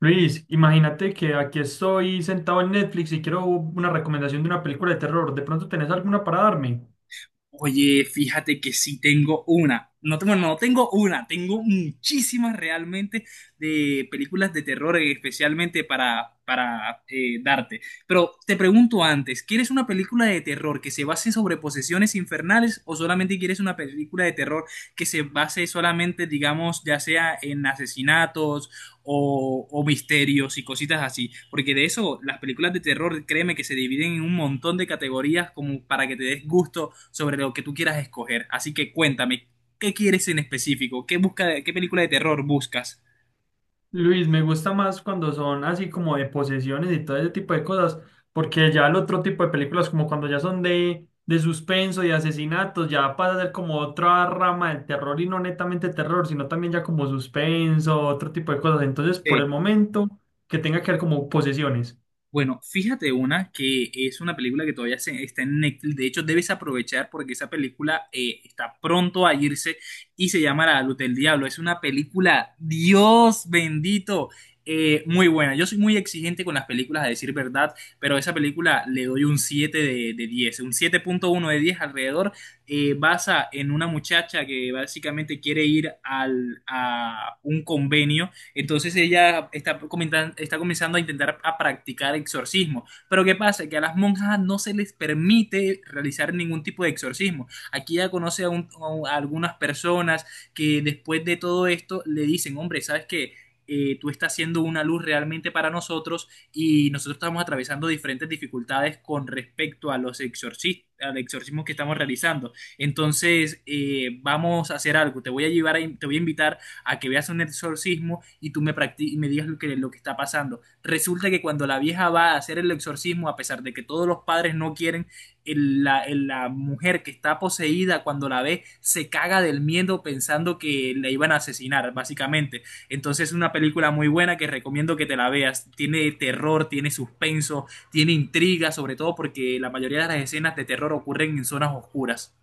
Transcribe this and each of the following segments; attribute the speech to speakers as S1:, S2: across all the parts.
S1: Luis, imagínate que aquí estoy sentado en Netflix y quiero una recomendación de una película de terror. ¿De pronto tenés alguna para darme?
S2: Oye, fíjate que sí tengo una. No tengo, no tengo una, tengo muchísimas realmente de películas de terror, especialmente para darte. Pero te pregunto antes, ¿quieres una película de terror que se base sobre posesiones infernales o solamente quieres una película de terror que se base solamente, digamos, ya sea en asesinatos o misterios y cositas así? Porque de eso, las películas de terror, créeme que se dividen en un montón de categorías como para que te des gusto sobre lo que tú quieras escoger. Así que cuéntame, ¿qué quieres en específico? ¿ qué película de terror buscas?
S1: Luis, me gusta más cuando son así como de posesiones y todo ese tipo de cosas, porque ya el otro tipo de películas, como cuando ya son de suspenso y asesinatos, ya pasa a ser como otra rama del terror y no netamente terror, sino también ya como suspenso, otro tipo de cosas. Entonces, por el
S2: Sí.
S1: momento, que tenga que ver como posesiones.
S2: Bueno, fíjate una que es una película que está en Netflix. De hecho, debes aprovechar porque esa película está pronto a irse y se llama La Luz del Diablo. Es una película, Dios bendito, muy buena. Yo soy muy exigente con las películas, a decir verdad, pero a esa película le doy un 7 de 10, un siete punto uno de 10 alrededor. Basa en una muchacha que básicamente quiere ir a un convenio, entonces ella está, está comenzando a intentar a practicar exorcismo. Pero ¿qué pasa? Que a las monjas no se les permite realizar ningún tipo de exorcismo. Aquí ella conoce a algunas personas que después de todo esto le dicen, hombre, ¿sabes qué? Tú estás siendo una luz realmente para nosotros y nosotros estamos atravesando diferentes dificultades con respecto a los exorcismos, al exorcismo que estamos realizando. Entonces, vamos a hacer algo. Te voy a llevar, te voy a invitar a que veas un exorcismo y tú me, y me digas lo que está pasando. Resulta que cuando la vieja va a hacer el exorcismo, a pesar de que todos los padres no quieren, la mujer que está poseída, cuando la ve se caga del miedo pensando que la iban a asesinar, básicamente. Entonces es una película muy buena que recomiendo que te la veas. Tiene terror, tiene suspenso, tiene intriga, sobre todo porque la mayoría de las escenas de terror ocurren en zonas oscuras.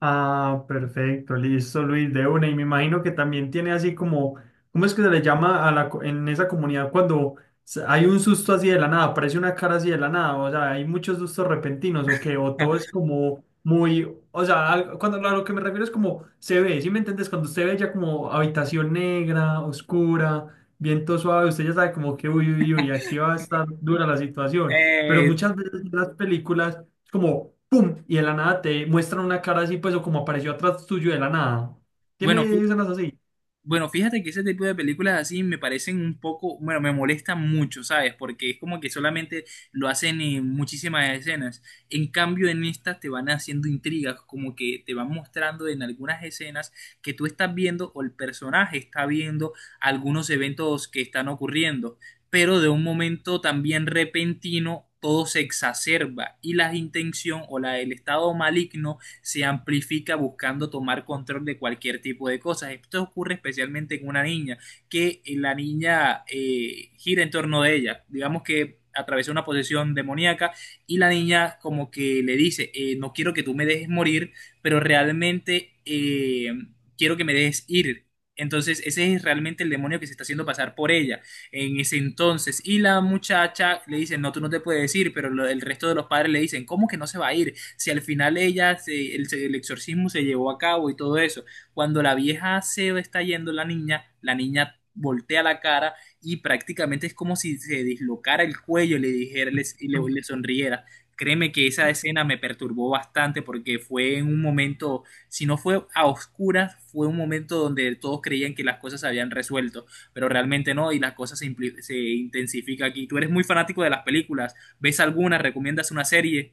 S1: Ah, perfecto, listo, Luis, de una. Y me imagino que también tiene así como ¿cómo es que se le llama a la, co- en esa comunidad cuando s- hay un susto así de la nada, aparece una cara así de la nada? O sea, ¿hay muchos sustos repentinos o qué, o todo es como muy, o sea, al- cuando a lo que me refiero es como se ve, sí me entiendes? Cuando usted ve ya como habitación negra, oscura, viento suave, usted ya sabe como que uy, uy, uy, aquí va a estar dura la situación. Pero
S2: Eh,
S1: muchas veces en las películas... es como ¡pum! Y de la nada te muestran una cara así, pues, o como apareció atrás tuyo de la nada. ¿Tiene
S2: bueno,
S1: escenas así?
S2: Bueno, fíjate que ese tipo de películas así me parecen un poco, bueno, me molestan mucho, ¿sabes? Porque es como que solamente lo hacen en muchísimas escenas. En cambio, en estas te van haciendo intrigas, como que te van mostrando en algunas escenas que tú estás viendo o el personaje está viendo algunos eventos que están ocurriendo, pero de un momento también repentino todo se exacerba y la intención el estado maligno se amplifica buscando tomar control de cualquier tipo de cosas. Esto ocurre especialmente en una niña, que la niña gira en torno de ella. Digamos que atravesó una posesión demoníaca y la niña como que le dice, no quiero que tú me dejes morir, pero realmente quiero que me dejes ir. Entonces ese es realmente el demonio que se está haciendo pasar por ella en ese entonces. Y la muchacha le dice, no, tú no te puedes ir, pero el resto de los padres le dicen, ¿cómo que no se va a ir, si al final ella, el exorcismo se llevó a cabo y todo eso? Cuando la vieja se está yendo, la niña voltea la cara y prácticamente es como si se dislocara el cuello y le dijera le- y le, le sonriera. Créeme que esa escena me perturbó bastante porque fue en un momento, si no fue a oscuras, fue un momento donde todos creían que las cosas se habían resuelto, pero realmente no, y las cosas se intensifica aquí. Tú eres muy fanático de las películas, ¿ves alguna? ¿Recomiendas una serie?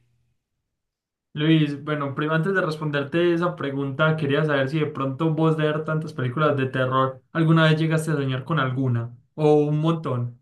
S1: Luis, bueno, primero antes de responderte esa pregunta, quería saber si de pronto vos de ver tantas películas de terror, ¿alguna vez llegaste a soñar con alguna? ¿O un montón?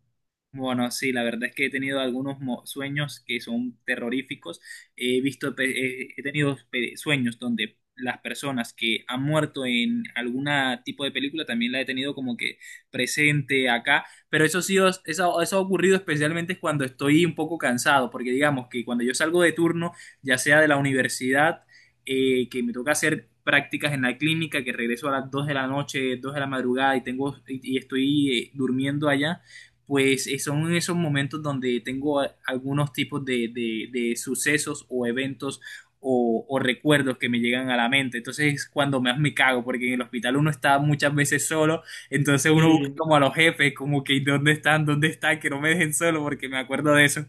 S2: Bueno, sí, la verdad es que he tenido algunos sueños que son terroríficos. He visto, he tenido sueños donde las personas que han muerto en algún tipo de película también la he tenido como que presente acá. Pero eso sí, eso ha ocurrido especialmente cuando estoy un poco cansado, porque digamos que cuando yo salgo de turno, ya sea de la universidad, que me toca hacer prácticas en la clínica, que regreso a las 2 de la noche, 2 de la madrugada y estoy durmiendo allá, pues son esos momentos donde tengo algunos tipos de sucesos o eventos o recuerdos que me llegan a la mente. Entonces es cuando más me cago, porque en el hospital uno está muchas veces solo, entonces uno busca
S1: Sí.
S2: como a los jefes, como que ¿dónde están? ¿Dónde están? Que no me dejen solo, porque me acuerdo de eso.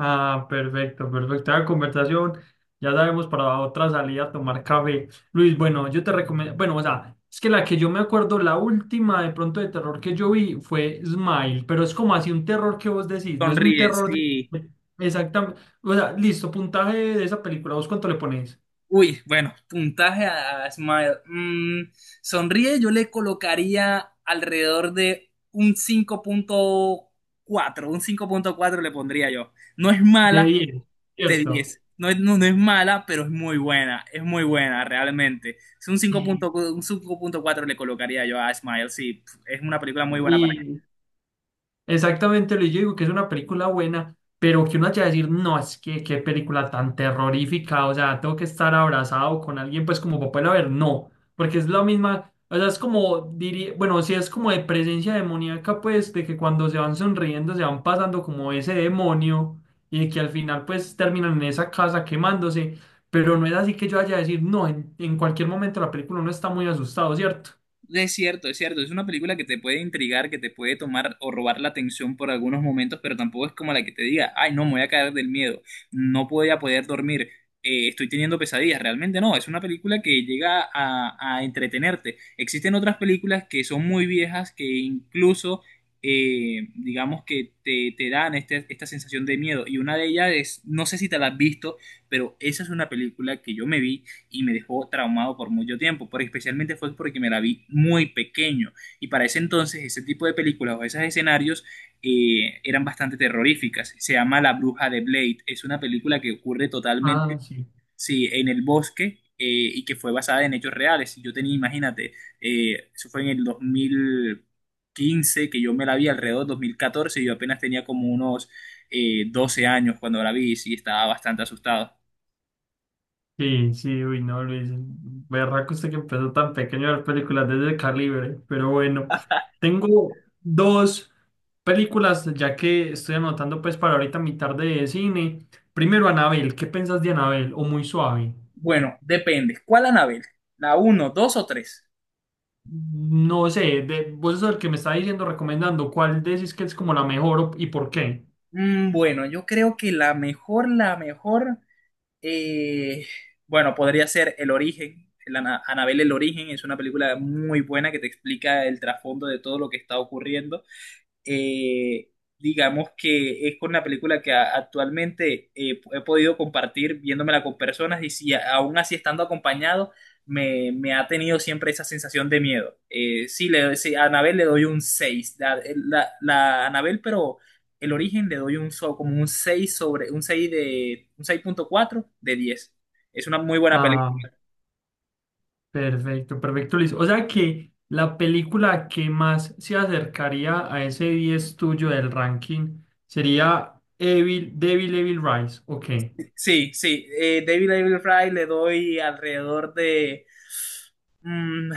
S1: Ah, perfecto, perfecto. La conversación, ya sabemos para otra salida a tomar café. Luis, bueno, yo te recomiendo, bueno, o sea, es que la que yo me acuerdo, la última de pronto de terror que yo vi fue Smile, pero es como así un terror que vos decís, no es un
S2: Sonríe,
S1: terror
S2: sí.
S1: de- exactamente. O sea, listo, puntaje de esa película, ¿vos cuánto le pones?
S2: Uy, bueno, puntaje a Smile. Sonríe, yo le colocaría alrededor de un cinco punto cuatro. Un cinco punto cuatro le pondría yo. No es
S1: De
S2: mala
S1: 10,
S2: de
S1: ¿cierto?
S2: diez. No es, no, no es mala, pero es muy buena. Es muy buena, realmente. Es un
S1: Y
S2: 5.4, un cinco punto cuatro le colocaría yo a Smile. Sí, es una película muy buena para…
S1: exactamente, Luis, yo digo que es una película buena, pero que uno haya de decir, no, es que qué película tan terrorífica, o sea, tengo que estar abrazado con alguien, pues como para poderla ver, no, porque es la misma, o sea, es como, diría, bueno, si es como de presencia demoníaca, pues, de que cuando se van sonriendo, se van pasando como ese demonio, y de que al final, pues, terminan en esa casa quemándose, pero no es así que yo haya de decir, no, en cualquier momento la película uno está muy asustado, ¿cierto?
S2: Es cierto, es cierto. Es una película que te puede intrigar, que te puede tomar o robar la atención por algunos momentos, pero tampoco es como la que te diga, ay, no, me voy a caer del miedo, no voy a poder dormir, estoy teniendo pesadillas. Realmente no, es una película que llega a entretenerte. Existen otras películas que son muy viejas que incluso, digamos que te dan esta sensación de miedo. Y una de ellas es, no sé si te la has visto, pero esa es una película que yo me vi y me dejó traumado por mucho tiempo, pero especialmente fue porque me la vi muy pequeño, y para ese entonces ese tipo de películas o esos escenarios eran bastante terroríficas. Se llama La Bruja de Blade, es una película que ocurre
S1: Ah,
S2: totalmente,
S1: sí.
S2: sí, en el bosque, y que fue basada en hechos reales. Yo tenía, imagínate, eso fue en el 2015, que yo me la vi alrededor del 2014, y yo apenas tenía como unos 12 años cuando la vi y sí, estaba bastante asustado.
S1: Sí, sí, uy, no, Luis. Berraco usted que empezó tan pequeño a ver películas desde calibre. Pero bueno, tengo dos películas, ya que estoy anotando pues para ahorita mi tarde de cine. Primero, Anabel, ¿qué pensás de Anabel? O muy suave.
S2: Bueno, depende. ¿Cuál Anabel? ¿La uno, 2 o 3?
S1: No sé, de, vos sos el que me está diciendo, recomendando, ¿cuál decís que es como la mejor o- y por qué?
S2: Bueno, yo creo que la mejor, la mejor, eh, bueno, podría ser El Origen. Anabel El Origen es una película muy buena que te explica el trasfondo de todo lo que está ocurriendo. eh, digamos que es con la película que actualmente he podido compartir viéndomela con personas, y si aún así estando acompañado, me ha tenido siempre esa sensación de miedo. Sí, a Anabel le doy un 6 la Anabel, pero el origen le doy como un 6 sobre, un 6 de, un seis punto cuatro de diez. Es una muy buena película.
S1: Perfecto, perfecto, Luis. O sea que la película que más se acercaría a ese 10 tuyo del ranking sería Evil, Devil Evil Rise. Ok.
S2: Sí, sí, David Fry le doy alrededor de… mm,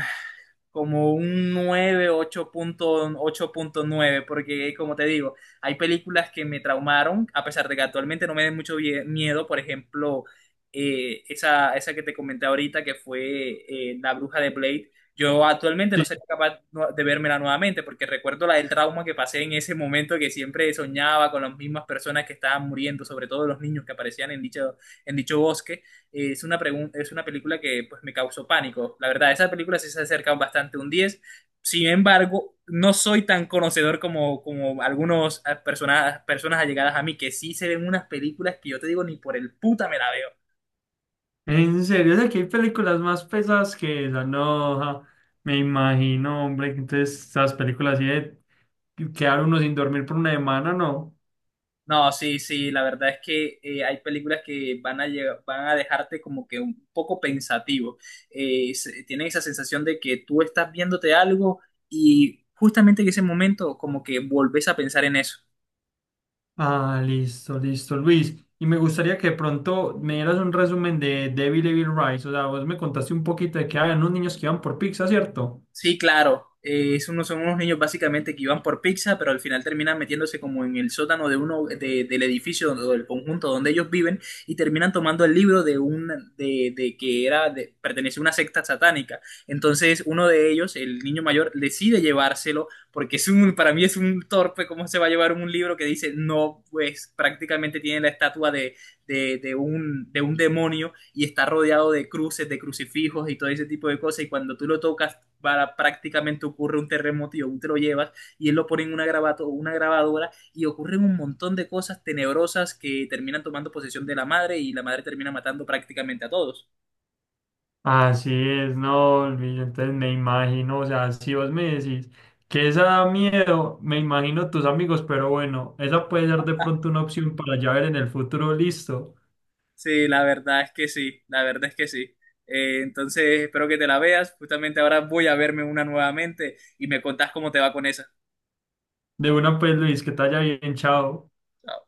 S2: como un nueve ocho ocho punto nueve, porque como te digo, hay películas que me traumaron, a pesar de que actualmente no me den mucho miedo, por ejemplo, esa que te comenté ahorita, que fue La Bruja de Blade. Yo actualmente no
S1: Sí.
S2: sería capaz de vérmela nuevamente, porque recuerdo la del trauma que pasé en ese momento, que siempre soñaba con las mismas personas que estaban muriendo, sobre todo los niños que aparecían en dicho bosque, y es es una película que pues me causó pánico. La verdad, esa película sí se acerca bastante a un 10. Sin embargo, no soy tan conocedor como algunas personas, personas allegadas a mí que sí se ven unas películas que yo te digo ni por el puta me la veo.
S1: En serio, o sea que hay películas más pesadas que esa. No, ja, me imagino, hombre, que entonces, esas películas así de quedar uno sin dormir por una semana, no.
S2: No, sí, sí, la verdad es que hay películas que van van a dejarte como que un poco pensativo. Tienen esa sensación de que tú estás viéndote algo y justamente en ese momento como que volvés a pensar en eso.
S1: Ah, listo, listo, Luis. Y me gustaría que de pronto me dieras un resumen de Devil Evil Rise. O sea, vos me contaste un poquito de que había unos niños que iban por pizza, ¿cierto?
S2: Sí, claro. Son unos niños básicamente que iban por pizza, pero al final terminan metiéndose como en el sótano del edificio o del conjunto donde ellos viven, y terminan tomando el libro de un, de que era de, pertenece a una secta satánica. Entonces uno de ellos, el niño mayor, decide llevárselo. Porque es un, para mí es un torpe, cómo se va a llevar un libro que dice no, pues prácticamente tiene la estatua de, de un demonio, y está rodeado de cruces, de crucifijos y todo ese tipo de cosas. Y cuando tú lo tocas para, prácticamente ocurre un terremoto, y aún te lo llevas, y él lo pone en una, una grabadora, y ocurren un montón de cosas tenebrosas que terminan tomando posesión de la madre, y la madre termina matando prácticamente a todos.
S1: Así es, no, Luis. Entonces me imagino, o sea, si vos me decís que esa da miedo, me imagino tus amigos, pero bueno, esa puede ser de pronto una opción para ya ver en el futuro, listo.
S2: Sí, la verdad es que sí, la verdad es que sí. Entonces espero que te la veas, justamente ahora voy a verme una nuevamente y me contás cómo te va con esa.
S1: De una, pues, Luis, que te haya bien, chao.
S2: Chao.